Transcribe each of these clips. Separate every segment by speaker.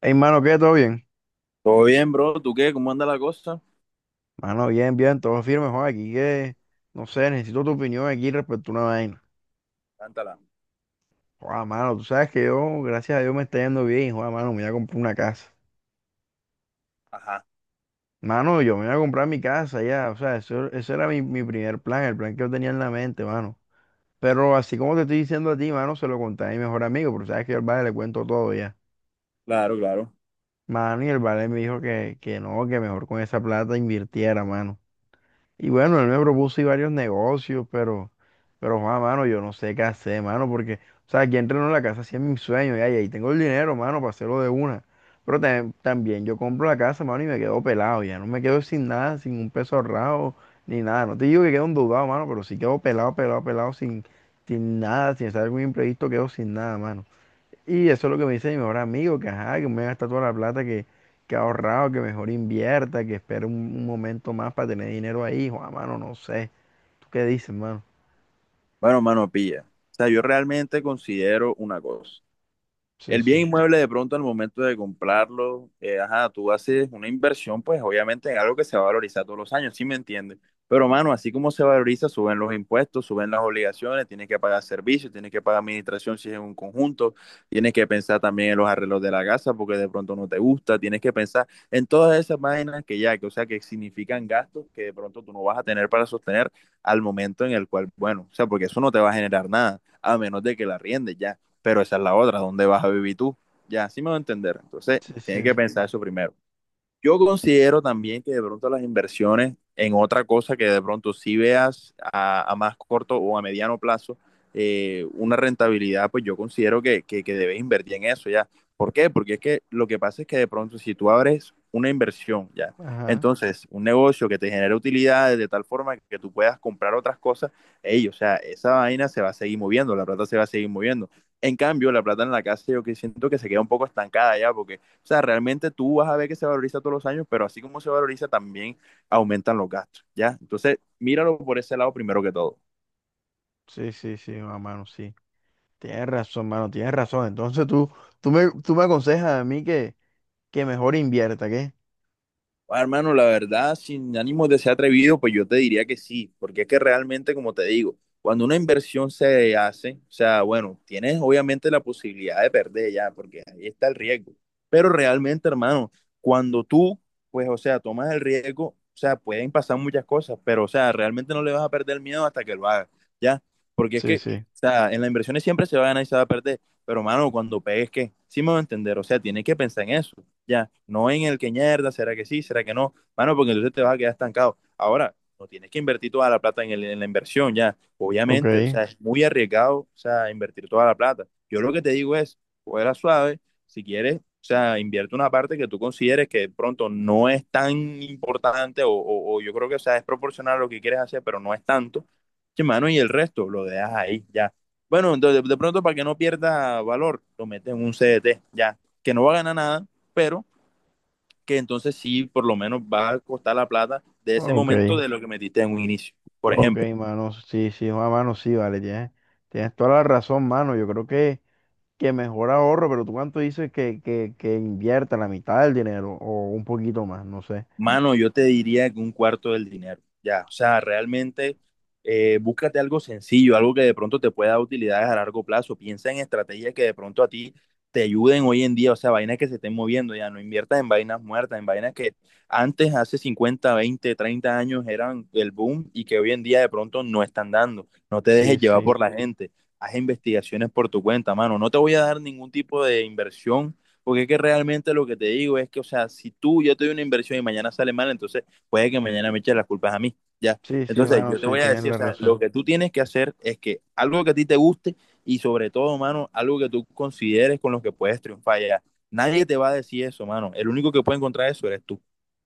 Speaker 1: Hey, mano, ¿qué? ¿Todo bien?
Speaker 2: Todo bien, bro. ¿Tú qué? ¿Cómo anda la cosa?
Speaker 1: Mano, bien, bien, todo firme, joder, aquí que, no sé, necesito tu opinión aquí respecto a una vaina.
Speaker 2: Cántala.
Speaker 1: Joder, mano, tú sabes que yo, gracias a Dios, me está yendo bien, joder, mano, me voy a comprar una casa.
Speaker 2: Ajá.
Speaker 1: Mano, yo me voy a comprar mi casa ya, o sea, eso, ese era mi primer plan, el plan que yo tenía en la mente, mano. Pero así como te estoy diciendo a ti, mano, se lo conté a mi mejor amigo, pero sabes que yo al vale le cuento todo ya.
Speaker 2: Claro, claro.
Speaker 1: Mano, y el vale me dijo que no, que mejor con esa plata invirtiera, mano. Y bueno, él me propuso y varios negocios, pero. Pero, Juan, mano, yo no sé qué hacer, mano, porque, o sea, aquí entreno en la casa, sí es mi sueño, ya, y ahí tengo el dinero, mano, para hacerlo de una. Pero también yo compro la casa, mano, y me quedo pelado, ya no me quedo sin nada, sin un peso ahorrado, ni nada. No te digo que quedo endeudado, mano, pero sí quedo pelado, pelado, pelado, sin nada, sin hacer algún imprevisto, quedo sin nada, mano. Y eso es lo que me dice mi mejor amigo, que ajá, que me gasta toda la plata que ha ahorrado, que mejor invierta, que espere un momento más para tener dinero ahí, Juan, mano, no sé. ¿Tú qué dices, mano?
Speaker 2: Bueno, mano, pilla. O sea, yo realmente considero una cosa.
Speaker 1: Sí,
Speaker 2: El bien
Speaker 1: sí.
Speaker 2: inmueble de pronto al momento de comprarlo, ajá, tú haces una inversión, pues obviamente en algo que se va a valorizar todos los años, ¿sí me entiendes? Pero mano, así como se valoriza, suben los impuestos, suben las obligaciones, tienes que pagar servicios, tienes que pagar administración si es un conjunto, tienes que pensar también en los arreglos de la casa porque de pronto no te gusta, tienes que pensar en todas esas vainas que ya, que o sea, que significan gastos que de pronto tú no vas a tener para sostener al momento en el cual, bueno, o sea, porque eso no te va a generar nada, a menos de que la riendes ya, pero esa es la otra, ¿dónde vas a vivir tú? Ya, así me va a entender. Entonces,
Speaker 1: Sí,
Speaker 2: tienes que
Speaker 1: sí.
Speaker 2: pensar eso primero. Yo considero también que de pronto las inversiones en otra cosa que de pronto si veas a más corto o a mediano plazo, una rentabilidad, pues yo considero que debes invertir en eso ya. ¿Por qué? Porque es que lo que pasa es que de pronto si tú abres una inversión ya,
Speaker 1: Ajá.
Speaker 2: entonces un negocio que te genere utilidades de tal forma que tú puedas comprar otras cosas, ey, o sea, esa vaina se va a seguir moviendo, la plata se va a seguir moviendo. En cambio, la plata en la casa yo que siento que se queda un poco estancada ya, porque o sea, realmente tú vas a ver que se valoriza todos los años, pero así como se valoriza, también aumentan los gastos, ¿ya? Entonces, míralo por ese lado primero que todo.
Speaker 1: Sí, sí, sí, mano, sí. Tienes razón, mano, tienes razón. Entonces tú me aconsejas a mí que mejor invierta, ¿qué?
Speaker 2: Ah, hermano, la verdad, sin ánimo de ser atrevido, pues yo te diría que sí, porque es que realmente, como te digo, cuando una inversión se hace, o sea, bueno, tienes obviamente la posibilidad de perder ya, porque ahí está el riesgo, pero realmente, hermano, cuando tú, pues, o sea, tomas el riesgo, o sea, pueden pasar muchas cosas, pero, o sea, realmente no le vas a perder el miedo hasta que lo hagas, ya, porque es
Speaker 1: Sí,
Speaker 2: que,
Speaker 1: sí.
Speaker 2: o sea, en las inversiones siempre se va a ganar y se va a perder, pero, hermano, cuando pegues, ¿qué? Sí me va a entender, o sea, tienes que pensar en eso ya, no en el que mierda, será que sí, será que no, mano, porque entonces te vas a quedar estancado. Ahora, no tienes que invertir toda la plata en la inversión, ya,
Speaker 1: Ok,
Speaker 2: obviamente, o sea, es muy arriesgado, o sea, invertir toda la plata. Yo lo que te digo es, fuera suave, si quieres, o sea, invierte una parte que tú consideres que de pronto no es tan importante o yo creo que, o sea, es proporcional a lo que quieres hacer, pero no es tanto, sí, mano, y el resto lo dejas ahí, ya. Bueno, entonces, de pronto, para que no pierda valor, lo metes en un CDT, ya, que no va a ganar nada, pero que entonces sí, por lo menos va a costar la plata de ese
Speaker 1: ok,
Speaker 2: momento de lo que metiste en un inicio, por
Speaker 1: ok,
Speaker 2: ejemplo.
Speaker 1: mano, sí, sí, mano, sí, vale, tienes toda la razón, mano. Yo creo que mejor ahorro, pero tú cuánto dices que invierta la mitad del dinero o un poquito más, no sé.
Speaker 2: Mano, yo te diría que un cuarto del dinero, ya. O sea, realmente búscate algo sencillo, algo que de pronto te pueda dar utilidades a largo plazo. Piensa en estrategias que de pronto a ti te ayuden hoy en día, o sea, vainas que se estén moviendo, ya. No inviertas en vainas muertas, en vainas que antes, hace 50, 20, 30 años eran el boom y que hoy en día de pronto no están dando. No te
Speaker 1: Sí,
Speaker 2: dejes llevar
Speaker 1: sí,
Speaker 2: por la gente. Haz investigaciones por tu cuenta, mano. No te voy a dar ningún tipo de inversión porque es que realmente lo que te digo es que, o sea, si tú, yo te doy una inversión y mañana sale mal, entonces puede que mañana me eches las culpas a mí, ¿ya?
Speaker 1: sí, sí,
Speaker 2: Entonces
Speaker 1: mano,
Speaker 2: yo te
Speaker 1: sí,
Speaker 2: voy a
Speaker 1: tienes
Speaker 2: decir, o
Speaker 1: la
Speaker 2: sea, lo
Speaker 1: razón.
Speaker 2: que tú tienes que hacer es que algo que a ti te guste y sobre todo, mano, algo que tú consideres con lo que puedes triunfar, ya. Nadie te va a decir eso, mano. El único que puede encontrar eso eres tú.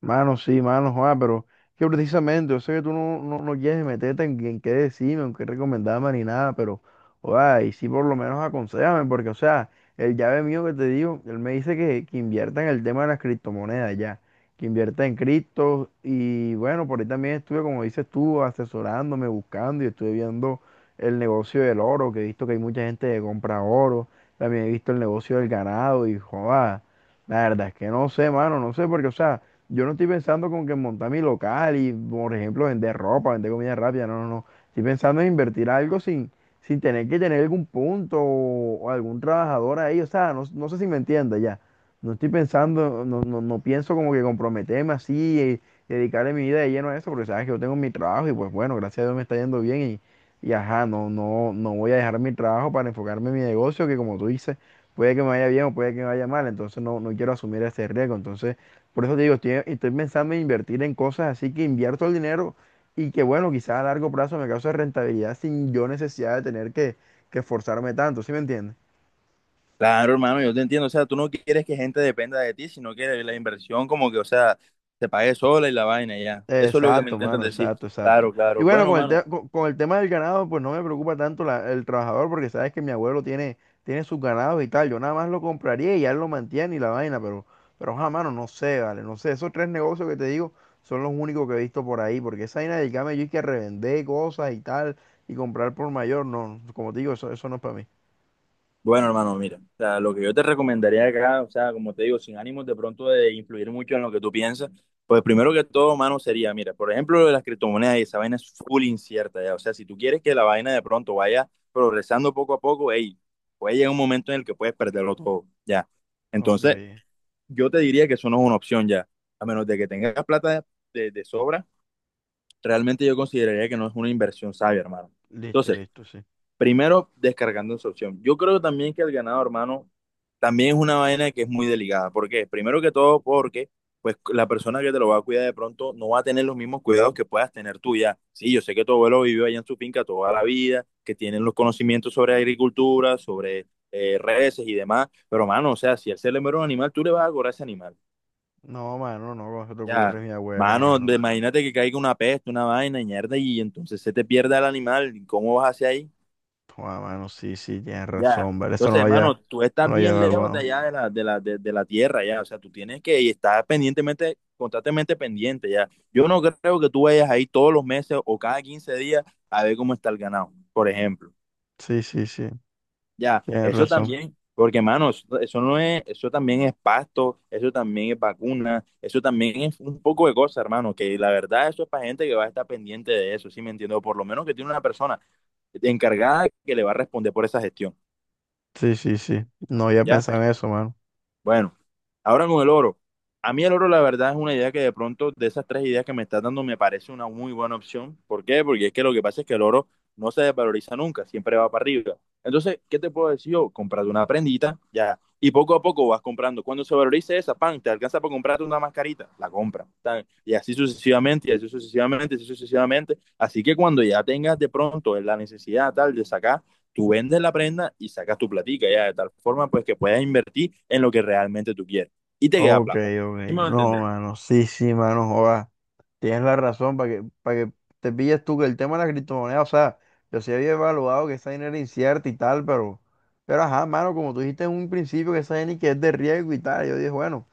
Speaker 1: Mano, sí, mano, Juan, pero que precisamente, yo sé que tú no quieres meterte en qué decirme, en qué recomendarme ni nada, pero, oa, y sí por lo menos aconsejame, porque, o sea, el llave mío que te digo, él me dice que invierta en el tema de las criptomonedas ya, que invierta en criptos, y bueno, por ahí también estuve, como dices tú, asesorándome, buscando, y estuve viendo el negocio del oro, que he visto que hay mucha gente que compra oro, también he visto el negocio del ganado, y, joa, la verdad es que no sé, mano, no sé, porque, o sea, yo no estoy pensando como que montar mi local y, por ejemplo, vender ropa, vender comida rápida, no, no, no. Estoy pensando en invertir algo sin tener que tener algún punto o algún trabajador ahí. O sea, no sé si me entiendes ya. No estoy pensando, no pienso como que comprometerme así dedicarle mi vida de lleno a eso, porque sabes que yo tengo mi trabajo y pues bueno, gracias a Dios me está yendo bien y ajá, no voy a dejar mi trabajo para enfocarme en mi negocio, que como tú dices, puede que me vaya bien o puede que me vaya mal, entonces no quiero asumir ese riesgo. Entonces, por eso te digo, estoy pensando en invertir en cosas así que invierto el dinero y que, bueno, quizás a largo plazo me cause rentabilidad sin yo necesidad de tener que esforzarme tanto, ¿sí me entiendes?
Speaker 2: Claro, hermano, yo te entiendo. O sea, tú no quieres que gente dependa de ti, sino que la inversión como que, o sea, se pague sola y la vaina, ya. Eso es lo que me
Speaker 1: Exacto,
Speaker 2: intentan
Speaker 1: mano,
Speaker 2: decir.
Speaker 1: exacto, exacto.
Speaker 2: Claro,
Speaker 1: Y
Speaker 2: claro.
Speaker 1: bueno,
Speaker 2: Bueno,
Speaker 1: con el, te-
Speaker 2: mano.
Speaker 1: con, con el tema del ganado, pues no me preocupa tanto el trabajador, porque sabes que mi abuelo tiene sus ganados y tal. Yo nada más lo compraría y él lo mantiene y la vaina, pero, ajá, mano, no sé, vale, no sé. Esos tres negocios que te digo son los únicos que he visto por ahí, porque esa vaina del camello y que revender cosas y tal y comprar por mayor, no, como te digo, eso no es para mí.
Speaker 2: Bueno, hermano, mira, o sea, lo que yo te recomendaría acá, o sea, como te digo, sin ánimos de pronto de influir mucho en lo que tú piensas, pues primero que todo, mano sería, mira, por ejemplo, lo de las criptomonedas y esa vaina es full incierta, ya, o sea, si tú quieres que la vaina de pronto vaya progresando poco a poco, hey, puede llegar un momento en el que puedes perderlo todo, ya.
Speaker 1: Ok,
Speaker 2: Entonces, yo te diría que eso no es una opción ya, a menos de que tengas plata de sobra, realmente yo consideraría que no es una inversión sabia, hermano.
Speaker 1: listo,
Speaker 2: Entonces,
Speaker 1: listo, sí.
Speaker 2: primero, descargando esa opción. Yo creo también que el ganado, hermano, también es una vaina que es muy delicada. ¿Por qué? Primero que todo, porque pues la persona que te lo va a cuidar de pronto no va a tener los mismos cuidados que puedas tener tú ya. Sí, yo sé que tu abuelo vivió allá en su finca toda la vida, que tienen los conocimientos sobre agricultura, sobre reses y demás, pero mano, o sea, si él se le muere un animal, tú le vas a cobrar ese animal.
Speaker 1: No, mano, no, ¿cómo se te
Speaker 2: Ya,
Speaker 1: ocurre, mi abuelo,
Speaker 2: mano,
Speaker 1: mano?
Speaker 2: imagínate que caiga una peste, una vaina, y mierda, y entonces se te pierda el animal, y ¿cómo vas hacia ahí?
Speaker 1: Joder, mano, sí, sí, tienes
Speaker 2: Ya.
Speaker 1: razón, ¿vale? Eso no
Speaker 2: Entonces,
Speaker 1: lo había,
Speaker 2: hermano, tú
Speaker 1: no
Speaker 2: estás
Speaker 1: lo había
Speaker 2: bien lejos de
Speaker 1: evaluado.
Speaker 2: allá de la tierra, ya. O sea, tú tienes que y estar pendientemente, constantemente pendiente, ya. Yo no creo que tú vayas ahí todos los meses o cada 15 días a ver cómo está el ganado, por ejemplo.
Speaker 1: Sí, sí, sí,
Speaker 2: Ya,
Speaker 1: tienes
Speaker 2: eso
Speaker 1: razón.
Speaker 2: también, porque, hermano, eso no es, eso también es pasto, eso también es vacuna, eso también es un poco de cosas, hermano, que la verdad eso es para gente que va a estar pendiente de eso, ¿sí me entiendo? Por lo menos que tiene una persona encargada que le va a responder por esa gestión,
Speaker 1: Sí, sí, sí. No había
Speaker 2: ¿ya?
Speaker 1: pensado en eso, mano.
Speaker 2: Bueno, ahora con el oro. A mí el oro, la verdad, es una idea que de pronto, de esas tres ideas que me estás dando, me parece una muy buena opción. ¿Por qué? Porque es que lo que pasa es que el oro no se desvaloriza nunca, siempre va para arriba. Entonces, ¿qué te puedo decir yo? Comprate una prendita, ya. Y poco a poco vas comprando. Cuando se valorice esa, pan, te alcanza para comprarte una mascarita, la compra. Y así sucesivamente, y así sucesivamente, y así sucesivamente. Así que cuando ya tengas de pronto la necesidad tal de sacar, tú vendes la prenda y sacas tu platica, ya, de tal forma pues que puedas invertir en lo que realmente tú quieres y te queda
Speaker 1: Ok,
Speaker 2: plata.
Speaker 1: ok.
Speaker 2: ¿Sí me va a
Speaker 1: No,
Speaker 2: entender?
Speaker 1: mano, sí, sí, mano, joda. Tienes la razón para que te pilles tú que el tema de la criptomoneda, o sea, yo sí había evaluado que esa dinero era incierta y tal, pero, ajá, mano, como tú dijiste en un principio que esa dinero que es de riesgo y tal, yo dije, bueno.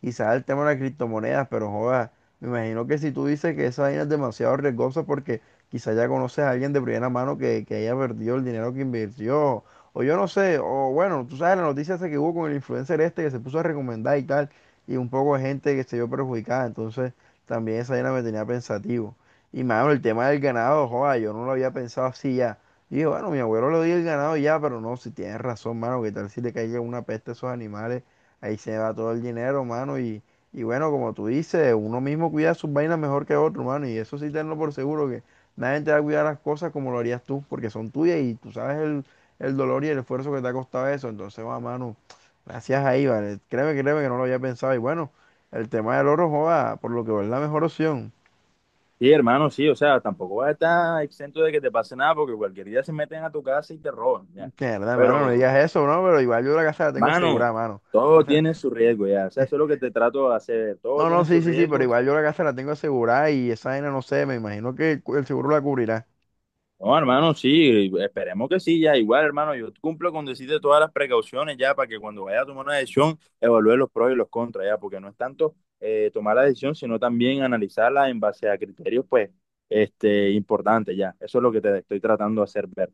Speaker 1: Quizás el tema de las criptomonedas, pero joda, me imagino que si tú dices que esa vaina es demasiado riesgosa porque quizás ya conoces a alguien de primera mano que haya perdido el dinero que invirtió, o yo no sé, o bueno, tú sabes la noticia esa que hubo con el influencer este que se puso a recomendar y tal, y un poco de gente que se vio perjudicada, entonces también esa vaina me tenía pensativo. Y mano, el tema del ganado, joda, yo no lo había pensado así ya. Y dije, bueno, mi abuelo le dio el ganado y ya, pero no, si tienes razón, mano, que tal si le caiga una peste a esos animales. Ahí se va todo el dinero, mano. Y bueno, como tú dices, uno mismo cuida sus vainas mejor que otro, mano. Y eso sí tenlo por seguro, que nadie te va a cuidar las cosas como lo harías tú, porque son tuyas y tú sabes el dolor y el esfuerzo que te ha costado eso. Entonces, va, mano, gracias ahí, vale. Créeme que no lo había pensado. Y bueno, el tema del oro, joda, por lo que veo, es la mejor opción.
Speaker 2: Sí, hermano, sí, o sea, tampoco vas a estar exento de que te pase nada porque cualquier día se meten a tu casa y te roban, ya.
Speaker 1: Que verdad, mano, no
Speaker 2: Pero,
Speaker 1: digas eso, ¿no? Pero igual yo la casa la tengo asegurada,
Speaker 2: mano,
Speaker 1: mano. O
Speaker 2: todo
Speaker 1: sea,
Speaker 2: tiene su riesgo, ya, o sea, eso es lo que te trato de hacer, todo
Speaker 1: no, no,
Speaker 2: tiene su
Speaker 1: sí, sí, sí, pero
Speaker 2: riesgo.
Speaker 1: igual yo la casa la tengo asegurada y esa vaina, no sé, me imagino que el el seguro la cubrirá.
Speaker 2: No, hermano, sí, esperemos que sí, ya igual, hermano, yo cumplo con decirte todas las precauciones ya para que cuando vaya a tomar una decisión evalúe los pros y los contras ya, porque no es tanto tomar la decisión, sino también analizarla en base a criterios, pues, importantes ya. Eso es lo que te estoy tratando de hacer ver.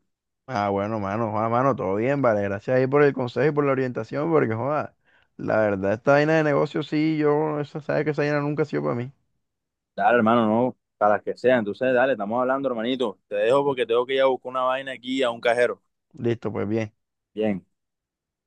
Speaker 1: Ah, bueno, mano, Juan, mano, todo bien, vale. Gracias ahí por el consejo y por la orientación, porque, joda, la verdad, esta vaina de negocio, sí, sabes que esa vaina nunca ha sido para mí.
Speaker 2: Dale, hermano, no, para las que sea. Entonces, dale, estamos hablando, hermanito. Te dejo porque tengo que ir a buscar una vaina aquí a un cajero.
Speaker 1: Listo, pues bien.
Speaker 2: Bien.